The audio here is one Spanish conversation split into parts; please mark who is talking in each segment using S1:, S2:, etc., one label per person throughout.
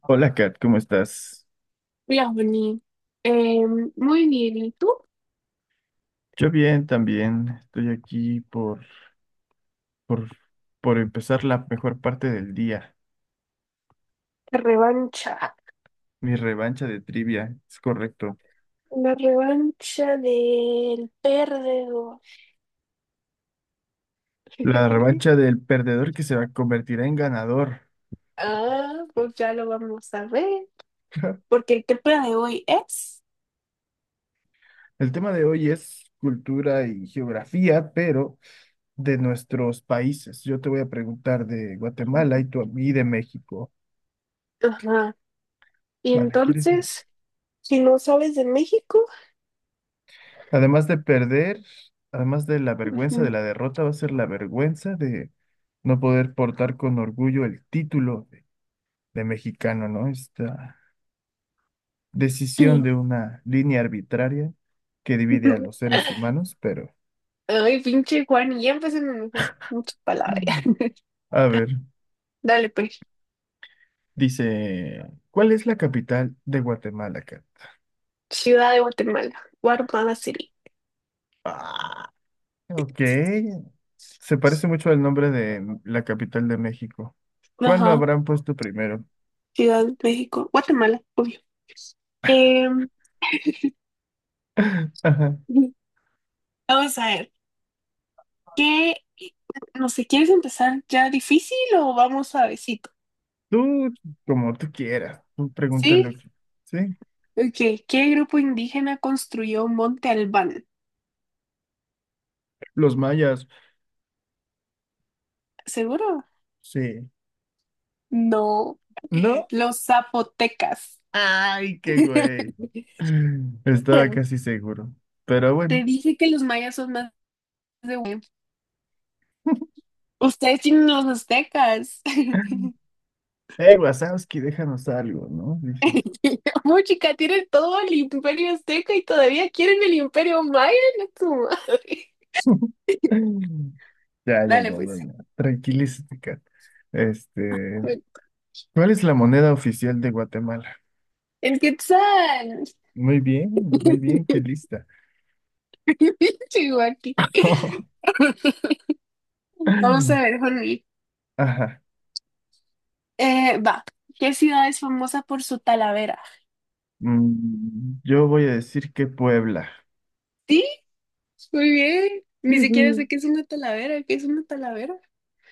S1: Hola Kat, ¿cómo estás?
S2: Hola, Bonnie. Muy bien, ¿y tú?
S1: Yo bien también, estoy aquí por, por empezar la mejor parte del día,
S2: La revancha.
S1: mi revancha de trivia, es correcto.
S2: La revancha del perdedor.
S1: La revancha del perdedor que convertirá en ganador.
S2: Ah, pues ya lo vamos a ver. Porque el tema de hoy es.
S1: El tema de hoy es cultura y geografía, pero de nuestros países. Yo te voy a preguntar de Guatemala y tú a mí de México.
S2: Ajá. Y
S1: Vale, ¿quieres?
S2: entonces, si no sabes de México.
S1: Además de perder, además de la vergüenza
S2: Ujú.
S1: de la derrota, va a ser la vergüenza de no poder portar con orgullo el título de mexicano, ¿no? Esta decisión de una línea arbitraria que divide a los seres humanos, pero
S2: Ay, pinche Juan, y ya empecemos mejor. Muchas palabras.
S1: a ver,
S2: Dale, pues.
S1: dice, ¿cuál es la capital de Guatemala, Kat?
S2: Ciudad de Guatemala. Guatemala City.
S1: Ah, ok, se parece mucho al nombre de la capital de México. ¿Cuál lo
S2: Ajá.
S1: habrán puesto primero?
S2: Ciudad de México. Guatemala, obvio. Eh, Vamos a ver, ¿qué? No sé, ¿quieres empezar ya difícil o vamos suavecito?
S1: Tú, como tú quieras, tú pregúntale lo
S2: ¿Sí?
S1: que, ¿sí?
S2: Ok, ¿qué grupo indígena construyó Monte Albán?
S1: Los mayas,
S2: ¿Seguro?
S1: sí.
S2: No,
S1: ¿No?
S2: los zapotecas.
S1: ¡Ay, qué güey! Estaba casi seguro. Pero bueno.
S2: Te dije que los mayas son más de... Ustedes tienen los aztecas.
S1: Wazowski, déjanos algo, ¿no? Dices.
S2: Muy chica, tienen todo el imperio azteca y todavía quieren el imperio maya, no tu madre.
S1: Ya, ya,
S2: Dale
S1: ya, ya,
S2: pues.
S1: ya. Tranquilízate, Kat. Este, ¿Cuál es la moneda oficial de Guatemala?
S2: El quetzal.
S1: Muy bien, muy bien, qué lista.
S2: Sigo aquí. Vamos a ver, Jorge.
S1: Ajá.
S2: Va. ¿Qué ciudad es famosa por su talavera?
S1: Yo voy a decir que Puebla.
S2: Sí, muy bien. Ni siquiera sé
S1: Yujú.
S2: qué es una talavera. ¿Qué es una talavera?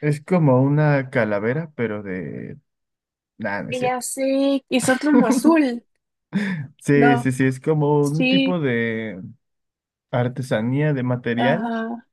S1: Es como una calavera, pero de. Nada, no es
S2: Y ya
S1: cierto.
S2: sé. Es como azul.
S1: Sí,
S2: No.
S1: sí, sí, es como un
S2: Sí.
S1: tipo de artesanía de material,
S2: Ajá.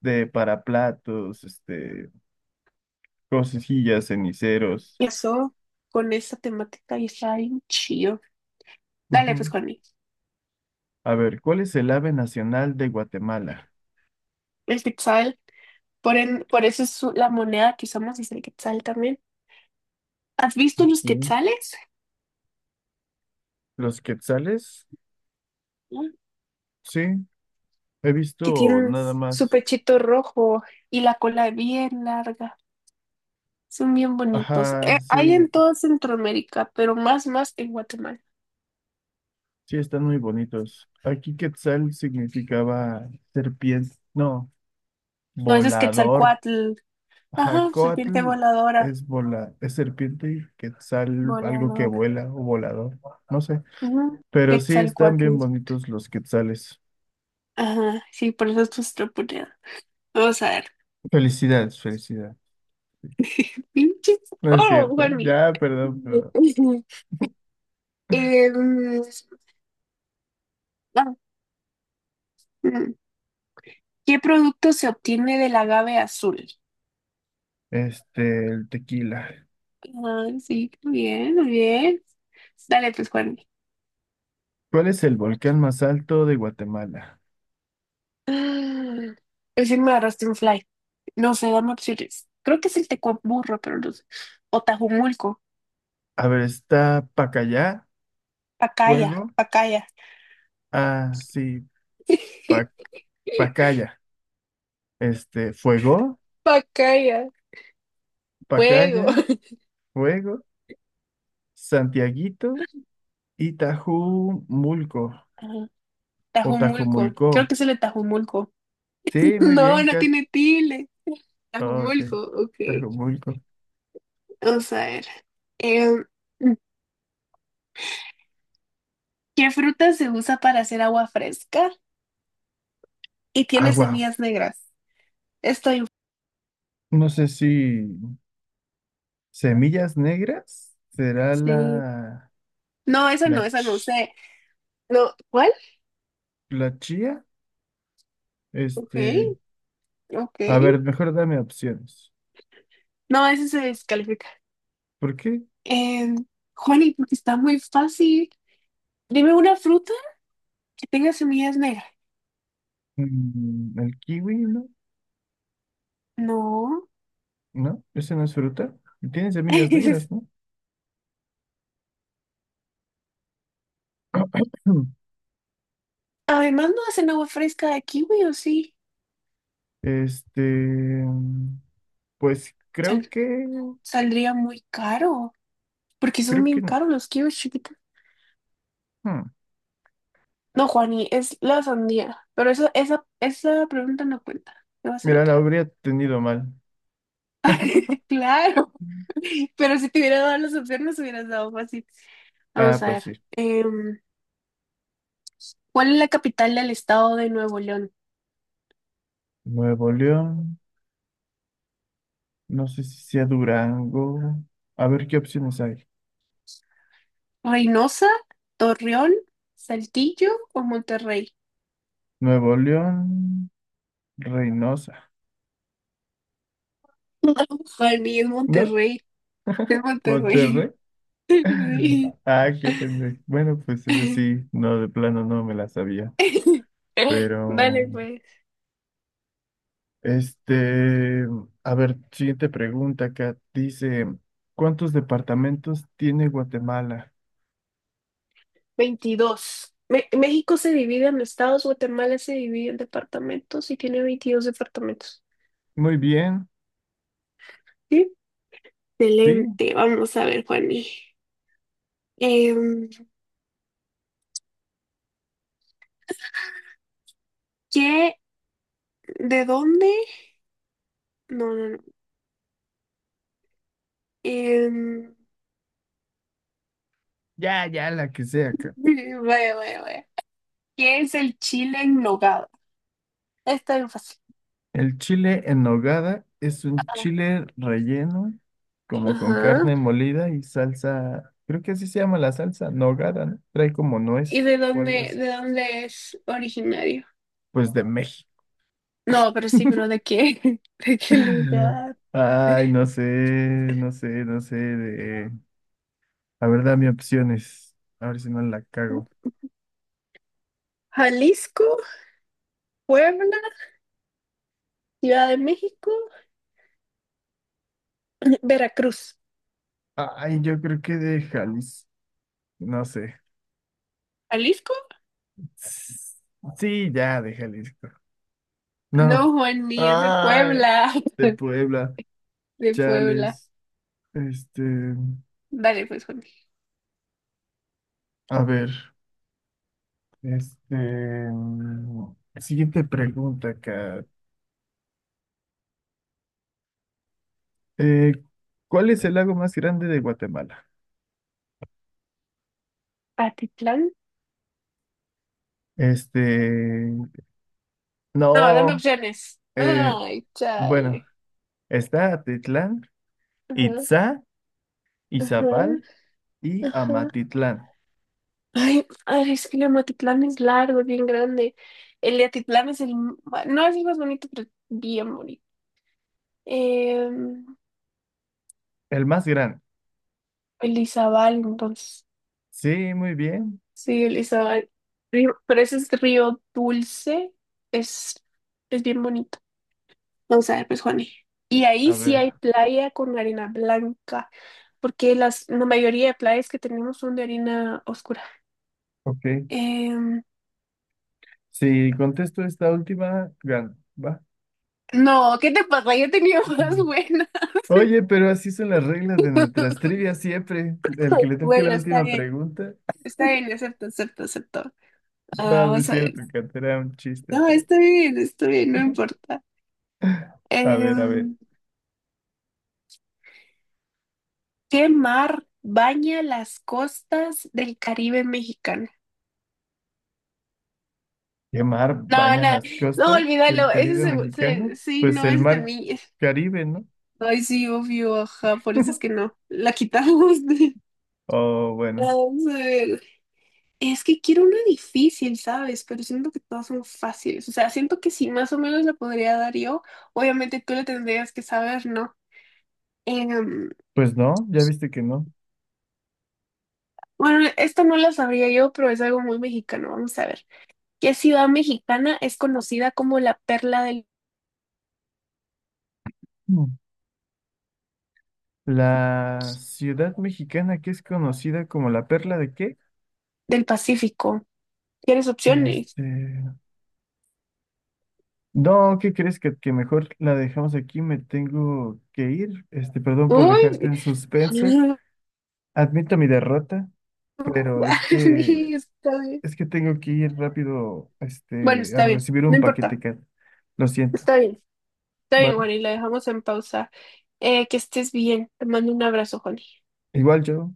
S1: de para platos, cosillas, ceniceros.
S2: Eso. Con esta temática y está bien chido. Dale,
S1: Ujú.
S2: pues, Juaní.
S1: A ver, ¿cuál es el ave nacional de Guatemala?
S2: El quetzal. Por eso es la moneda que usamos es el quetzal también. ¿Has visto los
S1: Mm,
S2: quetzales?
S1: ¿Los quetzales? Sí, he
S2: Que
S1: visto
S2: tienen
S1: nada
S2: su
S1: más.
S2: pechito rojo y la cola bien larga. Son bien bonitos.
S1: Ajá,
S2: Hay
S1: sí,
S2: en toda Centroamérica, pero más en Guatemala.
S1: sí, están muy bonitos. Aquí quetzal significaba serpiente, no,
S2: No, ese es
S1: volador.
S2: Quetzalcóatl. Ajá, serpiente
S1: Jacotl
S2: voladora.
S1: es serpiente y quetzal, algo que
S2: Voladora.
S1: vuela o volador, no sé.
S2: Ujú,
S1: Pero sí están bien
S2: Quetzalcóatl.
S1: bonitos los quetzales.
S2: Ajá, sí, por eso es nuestra moneda. Vamos a ver.
S1: Felicidades, felicidades.
S2: Pinches-
S1: No es
S2: Oh,
S1: cierto.
S2: Juanmi.
S1: Ya, perdón, perdón.
S2: Em, ah, mm. ¿Qué producto se obtiene del agave azul?
S1: El tequila.
S2: Ah, sí, qué bien, muy bien. Dale, pues, Juan.
S1: ¿Cuál es el volcán más alto de Guatemala?
S2: Recién me agarraste un fly. No sé, dame opciones. Creo que es el Tecuaburro, pero no sé. O Tajumulco.
S1: A ver, está Pacayá,
S2: Pacaya,
S1: Fuego.
S2: Pacaya.
S1: Ah, sí, Pa- Pacaya. Fuego,
S2: Pacaya, fuego.
S1: Pacaya, Fuego, Santiaguito y Mulco
S2: Ajá,
S1: o
S2: Tajumulco. Creo
S1: Tajumulco.
S2: que es el de Tajumulco.
S1: Sí, muy
S2: No,
S1: bien,
S2: no
S1: Kat.
S2: tiene tilde.
S1: Oh, ok.
S2: Tajumulco, ok.
S1: Tajumulco.
S2: Vamos a ver. Em, ¿Qué fruta se usa para hacer agua fresca y tiene
S1: Agua.
S2: semillas negras? Estoy
S1: No sé si semillas negras será
S2: Sí. No, esa
S1: la
S2: no, esa no
S1: ch-
S2: sé. No, ¿cuál?
S1: la chía.
S2: Ok,
S1: Este,
S2: ok.
S1: a ver, mejor dame opciones.
S2: No, esa se descalifica.
S1: ¿Por qué?
S2: Eh, Juani, porque está muy fácil. Dime una fruta que tenga semillas negras.
S1: El kiwi, ¿no?
S2: No.
S1: ¿No? Ese no es fruta. Y tiene semillas negras, ¿no?
S2: Además, no hacen agua fresca de kiwi, ¿o sí?
S1: Este, mm, pues
S2: Sal- Saldría muy caro, porque son
S1: creo que
S2: bien
S1: no.
S2: caros los kiwis chiquitos.
S1: Hmm,
S2: No, Juani, es la sandía. Pero eso, esa pregunta no cuenta. Te voy a hacer
S1: Mira, la
S2: otra.
S1: habría tenido mal.
S2: Claro, pero si te hubiera dado las opciones, hubieras dado fácil. Vamos
S1: Ah,
S2: a
S1: pues
S2: ver.
S1: sí.
S2: em, ¿Cuál es la capital del estado de Nuevo León?
S1: Nuevo León, no sé si sea Durango. A ver qué opciones hay.
S2: ¿Reynosa, Torreón, Saltillo o Monterrey?
S1: Nuevo León, Reynosa,
S2: No, Juani, es
S1: ¿no?
S2: Monterrey. Es Monterrey.
S1: Monterrey.
S2: Sí.
S1: Ah, qué pendejo. Bueno, pues eso sí, no, de plano no me la sabía. Pero,
S2: Vale, pues.
S1: este, a ver, siguiente pregunta acá. Dice, ¿cuántos departamentos tiene Guatemala?
S2: 22. Me- México se divide en estados, Guatemala se divide en departamentos y tiene 22 departamentos.
S1: Muy bien,
S2: ¿Sí?
S1: ¿sí?
S2: Excelente. Vamos a ver, Juani. Em, ¿qué? ¿De dónde? No, no, no. Em,
S1: Ya, ya, la que sea, Kat.
S2: Vaya, vaya, vaya. ¿Qué es el chile en nogada? Está bien fácil.
S1: El chile en nogada es un
S2: Ah,
S1: chile relleno, como con
S2: ajá.
S1: carne molida y salsa, creo que así se llama la salsa, nogada, ¿no? Trae como
S2: ¿Y
S1: nuez o algo así.
S2: de dónde es originario?
S1: Pues de México.
S2: No, pero sí, pero ¿de qué? ¿De qué lugar?
S1: Ay, no sé, no sé, no sé de. A ver, dame opciones. A ver si no la cago.
S2: Jalisco, Puebla, Ciudad de México, Veracruz.
S1: Ay, yo creo que de Jalisco. No sé.
S2: ¿Jalisco?
S1: Sí, ya, de Jalisco. No.
S2: No, Juan, ni es de
S1: Ay,
S2: Puebla.
S1: de Puebla.
S2: De Puebla.
S1: Chales. Este,
S2: Dale, pues, Juan.
S1: a ver, este, siguiente pregunta acá. Eh, ¿Cuál es el lago más grande de Guatemala?
S2: Patitlán.
S1: Este,
S2: No, dame
S1: no,
S2: opciones.
S1: eh,
S2: Ay,
S1: bueno,
S2: chale.
S1: está Atitlán,
S2: Ajá,
S1: Itzá,
S2: ajá,
S1: Izabal y
S2: ajá.
S1: Amatitlán,
S2: Ay, ay, es que el Amatitlán es largo, es bien grande. El de Atitlán es el... bueno, no es el más bonito, pero es bien bonito. Em,
S1: el más grande.
S2: el Izabal, entonces.
S1: Sí, muy bien.
S2: Sí, el Izabal. Río- pero ese es Río Dulce. Es, es bien bonito. Vamos a ver, pues, Juani. Y ahí
S1: A
S2: sí
S1: ver,
S2: hay playa con arena blanca, porque la mayoría de playas que tenemos son de arena oscura.
S1: ok.
S2: Em,
S1: Si contesto esta última, gano, ¿va?
S2: no, ¿qué te pasa? Yo tenía más buenas.
S1: Oye, pero así son las reglas de nuestras trivias siempre. El que le toque la
S2: Bueno,
S1: última pregunta.
S2: está bien, acepto, acepto, acepto. Ah,
S1: No, no es
S2: vamos a ver.
S1: cierto, Kat, era un chiste,
S2: No,
S1: pero.
S2: está bien, no importa.
S1: A ver, a ver.
S2: Em, ¿Qué mar baña las costas del Caribe mexicano?
S1: ¿Qué mar
S2: No,
S1: baña
S2: no,
S1: las
S2: no,
S1: costas del
S2: olvídalo. Ese
S1: Caribe mexicano?
S2: sí,
S1: Pues
S2: no,
S1: el
S2: ese
S1: mar
S2: también.
S1: Caribe, ¿no?
S2: Ay, sí, obvio, ajá, por eso es que no. La quitamos de...
S1: O bueno,
S2: Vamos a ver. Es que quiero una difícil, ¿sabes? Pero siento que todas son fáciles. O sea, siento que si más o menos la podría dar yo, obviamente tú la tendrías que saber, ¿no? Em,
S1: pues no, ya viste que no.
S2: bueno, esta no la sabría yo, pero es algo muy mexicano. Vamos a ver. ¿Qué ciudad mexicana es conocida como la perla
S1: Mm. ¿La ciudad mexicana que es conocida como la perla de qué?
S2: del Pacífico? ¿Tienes opciones?
S1: Este. No, ¿qué crees que mejor la dejamos aquí? Me tengo que ir. Perdón por dejarte
S2: Uy,
S1: en suspenso. Admito mi derrota, pero
S2: Juan,
S1: es que
S2: está bien.
S1: es que tengo que ir rápido,
S2: Bueno,
S1: a
S2: está bien.
S1: recibir
S2: No
S1: un paquete
S2: importa.
S1: que lo siento.
S2: Está bien. Está bien,
S1: ¿Vale?
S2: bueno, y la dejamos en pausa. Que estés bien. Te mando un abrazo, Juani.
S1: Igual yo.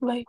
S2: Bye.